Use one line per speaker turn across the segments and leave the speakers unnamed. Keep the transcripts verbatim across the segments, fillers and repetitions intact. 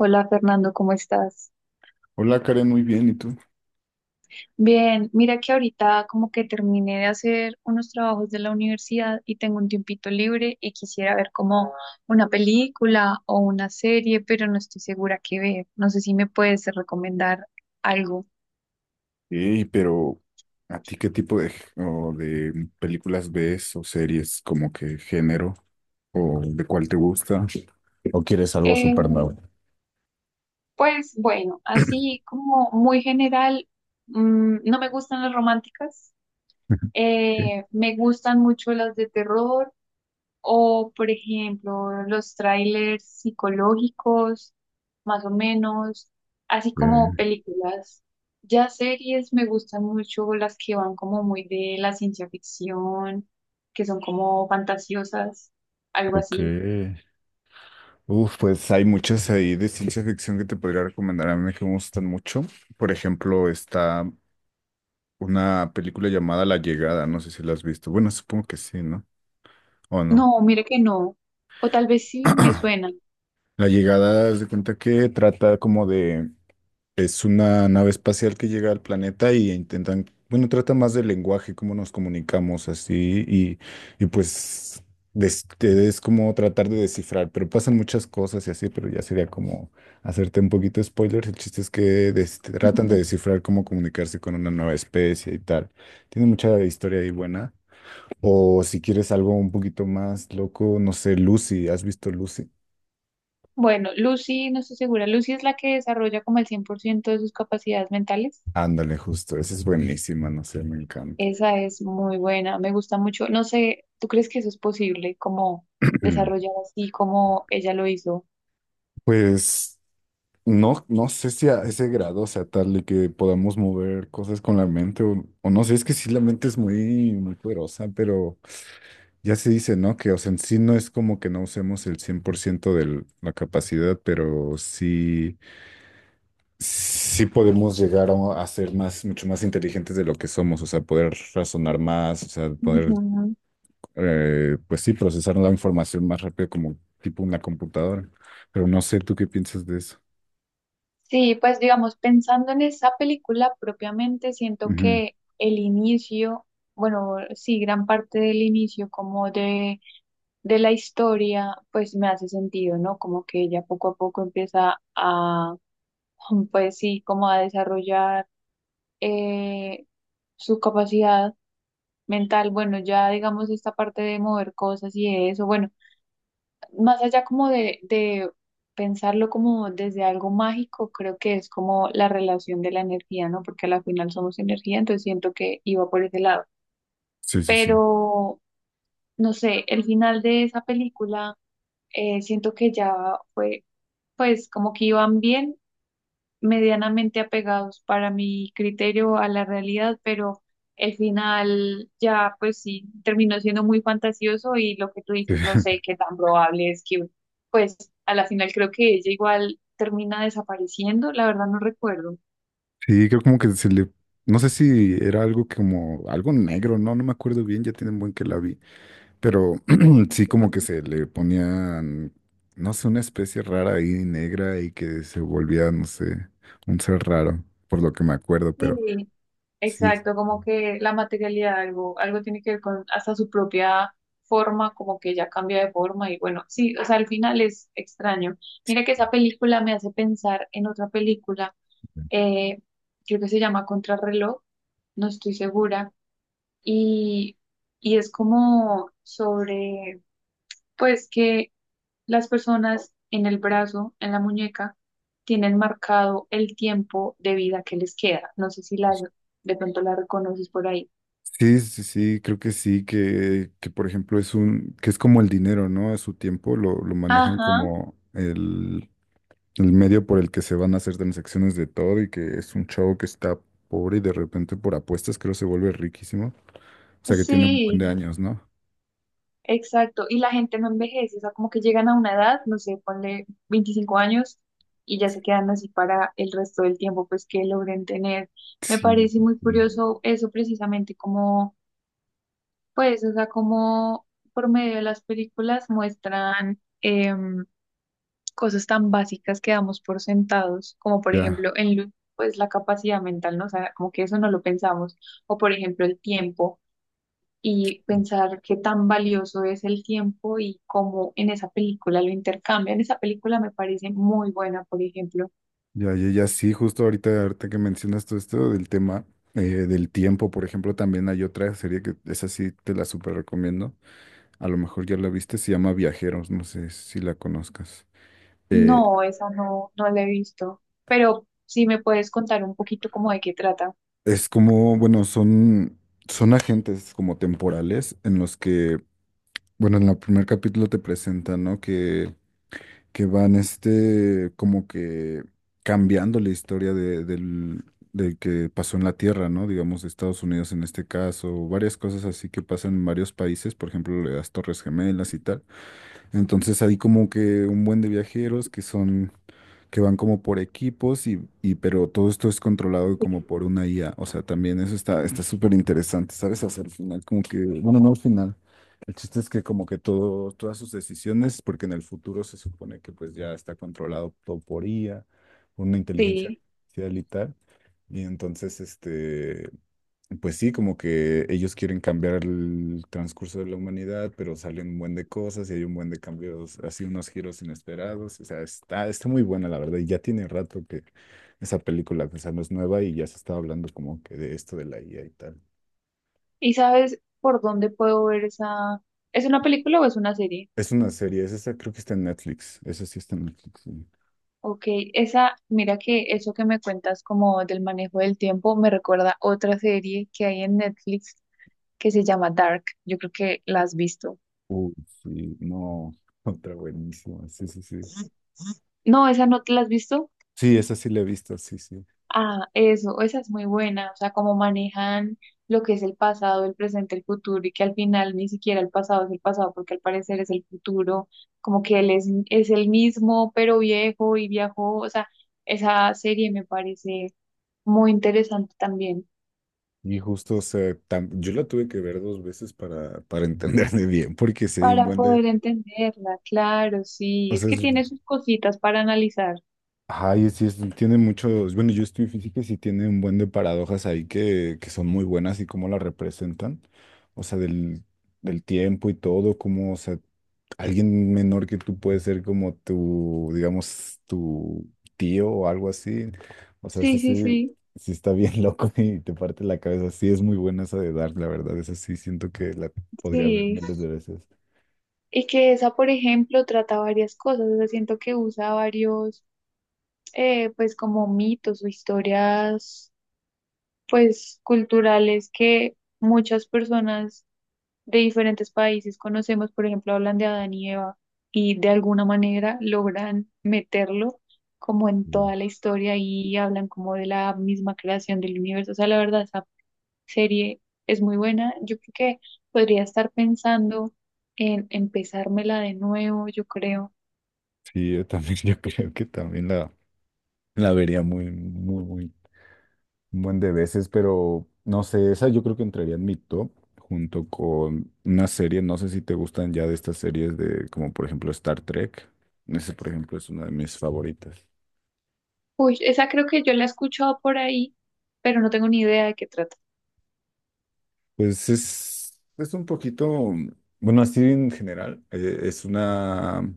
Hola Fernando, ¿cómo estás?
Hola Karen, muy bien, ¿y tú?
Bien, mira que ahorita como que terminé de hacer unos trabajos de la universidad y tengo un tiempito libre y quisiera ver como una película o una serie, pero no estoy segura qué ver. No sé si me puedes recomendar algo.
Sí, pero ¿a ti qué tipo de, g- o de películas ves o series, como que género o de cuál te gusta? ¿O quieres algo
Eh,
súper nuevo?
pues bueno, así como muy general, mm, no me gustan las románticas,
¿Qué?
eh, me gustan mucho las de terror. O, por ejemplo, los trailers psicológicos, más o menos, así como
Eh,
películas. Ya series me gustan mucho las que van como muy de la ciencia ficción, que son como fantasiosas, algo
ok.
así.
Uf, pues hay muchas ahí de ciencia ficción que te podría recomendar. A mí que me gustan mucho. Por ejemplo, está una película llamada La Llegada. No sé si la has visto. Bueno, supongo que sí, ¿no? ¿O
No,
no?
mire que no. O tal vez sí me suena.
La Llegada, haz de cuenta que trata como de. Es una nave espacial que llega al planeta y intentan, bueno, trata más del lenguaje, cómo nos comunicamos así y, y pues des- te- es como tratar de descifrar, pero pasan muchas cosas y así, pero ya sería como hacerte un poquito de spoilers. El chiste es que des- tratan de
Ujú.
descifrar cómo comunicarse con una nueva especie y tal. Tiene mucha historia ahí buena. O si quieres algo un poquito más loco, no sé, Lucy, ¿has visto Lucy?
Bueno, Lucy, no estoy segura. Lucy es la que desarrolla como el cien por ciento de sus capacidades mentales.
Ándale, justo, esa es buenísima, no sé, me encanta.
Esa es muy buena, me gusta mucho. No sé, ¿tú crees que eso es posible, como desarrollar así como ella lo hizo?
Pues... No, no sé si a ese grado, o sea, tal de que podamos mover cosas con la mente o, o no sé, es que sí la mente es muy, muy poderosa, pero ya se dice, ¿no? Que, o sea, en sí no es como que no usemos el cien por ciento de la capacidad, pero sí, sí podemos llegar a, a ser más, mucho más inteligentes de lo que somos, o sea, poder razonar más, o sea, poder,
Ujú.
eh, pues sí, procesar la información más rápido como tipo una computadora, pero no sé, ¿tú qué piensas de eso?
Sí, pues digamos, pensando en esa película propiamente, siento
Ujú.
que el inicio, bueno, sí, gran parte del inicio como de, de la historia, pues me hace sentido, ¿no? Como que ella poco a poco empieza a, pues sí, como a desarrollar eh, su capacidad mental. Bueno, ya digamos esta parte de mover cosas y de eso, bueno, más allá como de, de pensarlo como desde algo mágico, creo que es como la relación de la energía, ¿no? Porque a la final somos energía, entonces siento que iba por ese lado.
Sí, sí, sí.
Pero, no sé, el final de esa película, eh, siento que ya fue, pues como que iban bien medianamente apegados para mi criterio a la realidad, pero el final ya pues sí terminó siendo muy fantasioso y lo que tú dices, no sé qué tan probable es que pues a la final creo que ella igual termina desapareciendo, la verdad no recuerdo.
Sí, creo como que se le, no sé si era algo que como, algo negro, no, no me acuerdo bien, ya tienen buen que la vi, pero sí como que se le ponían, no sé, una especie rara ahí negra y que se volvía, no sé, un ser raro, por lo que me acuerdo, pero
Sí,
sí,
exacto, como que la materialidad algo, algo tiene que ver con hasta su propia forma, como que ya cambia de forma y bueno, sí, o sea, al final es extraño. Mira que esa película me hace pensar en otra película eh, creo que se llama Contrarreloj, no estoy segura, y, y es como sobre, pues que las personas en el brazo, en la muñeca, tienen marcado el tiempo de vida que les queda. No sé si la, de pronto la reconoces por ahí.
sí, sí, sí, creo que sí, que, que por ejemplo es un, que es como el dinero, ¿no? A su tiempo lo, lo manejan
Ajá,
como el, el medio por el que se van a hacer transacciones de todo y que es un chavo que está pobre y de repente por apuestas creo se vuelve riquísimo. O sea que tiene un buen
sí.
de años, ¿no?
Exacto, y la gente no envejece, o sea, como que llegan a una edad, no sé, ponle veinticinco años y ya se quedan así para el resto del tiempo, pues que logren tener. Me
Sí,
parece
sí,
muy
sí.
curioso eso precisamente, como, pues, o sea, como por medio de las películas muestran em, cosas tan básicas que damos por sentados, como por
Ya,
ejemplo en Lu- pues la capacidad mental, ¿no? O sea, como que eso no lo pensamos, o por ejemplo el tiempo y pensar qué tan valioso es el tiempo y cómo en esa película lo intercambian. Esa película me parece muy buena, por ejemplo.
ya, ya, ya sí, justo ahorita, ahorita que mencionas todo esto del tema eh, del tiempo, por ejemplo, también hay otra serie que esa sí te la súper recomiendo. A lo mejor ya la viste, se llama Viajeros, no sé si la conozcas. Eh,
No, esa no, no la he visto, pero sí me puedes contar un poquito como de qué trata.
es como, bueno, son, son agentes como temporales en los que. Bueno, en el primer capítulo te presentan, ¿no? Que, que van este, como que cambiando la historia de, del, del que pasó en la Tierra, ¿no? Digamos, de Estados Unidos en este caso, varias cosas así que pasan en varios países, por ejemplo, las Torres Gemelas y tal. Entonces hay como que un buen de viajeros que son que van como por equipos y, y pero todo esto es controlado como
Sí.
por una I A. O sea, también eso está está súper interesante, ¿sabes? Hasta el final, como que, bueno, no al final. El chiste es que como que todo, todas sus decisiones, porque en el futuro se supone que pues ya está controlado todo por I A, una inteligencia
Sí.
artificial y tal. Y entonces, este, pues sí, como que ellos quieren cambiar el transcurso de la humanidad, pero salen un buen de cosas y hay un buen de cambios, así unos giros inesperados. O sea, está, está muy buena, la verdad. Y ya tiene rato que esa película, pues, no es nueva y ya se estaba hablando como que de esto de la I A y tal.
¿Y sabes por dónde puedo ver esa? ¿Es una película o es una serie?
Es una serie, es esa, creo que está en Netflix. Esa sí está en Netflix, sí.
Ok, esa, mira que eso que me cuentas como del manejo del tiempo me recuerda otra serie que hay en Netflix que se llama Dark. Yo creo que la has visto.
Uy, sí, no, otra buenísima. Sí, sí, sí.
No, esa no te la has visto.
Sí, esa sí la he visto, sí, sí.
Ah, eso, esa es muy buena. O sea, cómo manejan lo que es el pasado, el presente, el futuro, y que al final ni siquiera el pasado es el pasado, porque al parecer es el futuro, como que él es, es el mismo, pero viejo y viajó. O sea, esa serie me parece muy interesante también
Y justo, o sea, tam- yo la tuve que ver dos veces para, para entenderme bien, porque sí hay un
para
buen de,
poder entenderla. Claro, sí,
o
es
sea,
que
es,
tiene sus cositas para analizar.
ay, sí, es- tiene muchos, bueno, yo estoy en física y sí tiene un buen de paradojas ahí que, que son muy buenas y cómo la representan, o sea, del, del tiempo y todo, cómo, o sea, alguien menor que tú puede ser como tu, digamos, tu tío o algo así. O sea, eso
Sí,
sí,
sí, sí,
sí está bien loco y te parte la cabeza. Sí, es muy buena esa de Dark, la verdad. Esa sí siento que la podría ver
sí.
miles de veces.
Y que esa, por ejemplo, trata varias cosas. O sea, siento que usa varios eh, pues como mitos o historias pues culturales que muchas personas de diferentes países conocemos, por ejemplo, hablan de Adán y Eva y de alguna manera logran meterlo como en
Mm.
toda la historia y hablan como de la misma creación del universo. O sea, la verdad, esa serie es muy buena. Yo creo que podría estar pensando en empezármela de nuevo, yo creo.
Sí, yo también, yo creo que también la, la vería muy, muy, muy. Un buen de veces, pero no sé, esa yo creo que entraría en mi top junto con una serie, no sé si te gustan ya de estas series de, como por ejemplo Star Trek. Ese, por ejemplo, es una de mis favoritas.
Uy, esa creo que yo la he escuchado por ahí, pero no tengo ni idea de qué trata.
Pues es, es un poquito, bueno, así en general, eh, es una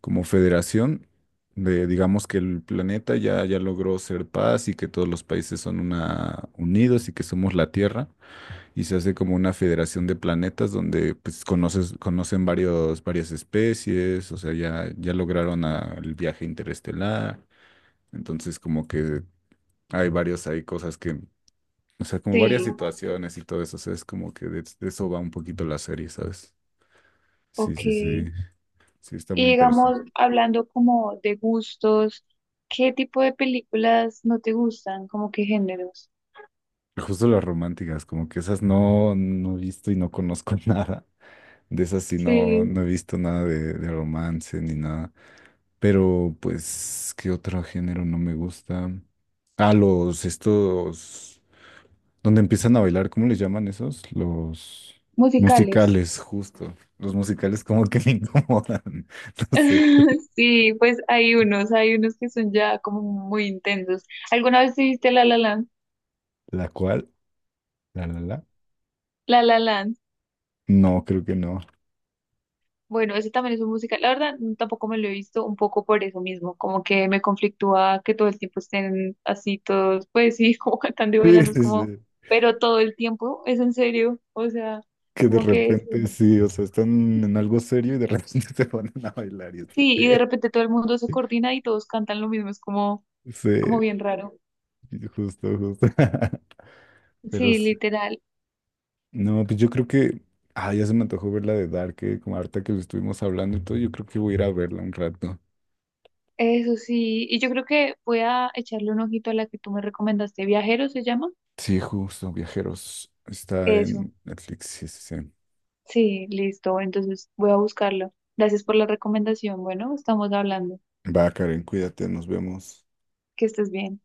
como federación de, digamos que el planeta ya, ya logró ser paz y que todos los países son una, unidos y que somos la Tierra. Y se hace como una federación de planetas donde pues conoces, conocen varios, varias especies, o sea, ya, ya lograron a- el viaje interestelar, entonces como que hay varios, hay cosas que, o sea, como varias
Sí,
situaciones y todo eso, o sea, es como que de, de eso va un poquito la serie, ¿sabes? Sí,
ok.
sí, sí,
Y
sí, está muy
digamos,
interesante.
hablando como de gustos, ¿qué tipo de películas no te gustan? ¿Como qué géneros?
Justo las románticas, como que esas no, no he visto y no conozco nada. De esas sí no,
Sí,
no he visto nada de, de romance ni nada. Pero, pues, ¿qué otro género no me gusta? Ah, los estos, donde empiezan a bailar, ¿cómo les llaman esos? Los
musicales.
musicales, justo. Los musicales como que me incomodan. No sé.
Sí, pues hay unos, hay unos que son ya como muy intensos. ¿Alguna vez te viste La La Land?
¿La cual? ¿La, la, la?
La La Land.
No, creo que no.
Bueno, ese también es un musical. La verdad, tampoco me lo he visto un poco por eso mismo, como que me conflictúa que todo el tiempo estén así todos, pues sí, como cantando y
Sí,
bailando, es
sí,
como,
sí.
pero todo el tiempo, es en serio, o sea,
Que de
como que
repente sí, o sea, están en algo serio y de repente se ponen a bailar y es
sí, y de
que...
repente todo el mundo se coordina y todos cantan lo mismo, es como,
Sí,
como bien raro.
justo, justo. Pero
Sí,
sí.
literal,
No, pues yo creo que. Ah, ya se me antojó ver la de Dark, eh, como ahorita que lo estuvimos hablando y todo. Yo creo que voy a ir a verla un rato.
eso sí, y yo creo que voy a echarle un ojito a la que tú me recomendaste, Viajero se llama,
Sí, justo, viajeros. Está
eso.
en Netflix. Sí, sí, sí.
Sí, listo. Entonces voy a buscarlo. Gracias por la recomendación. Bueno, estamos hablando.
Va, Karen, cuídate, nos vemos.
Que estés bien.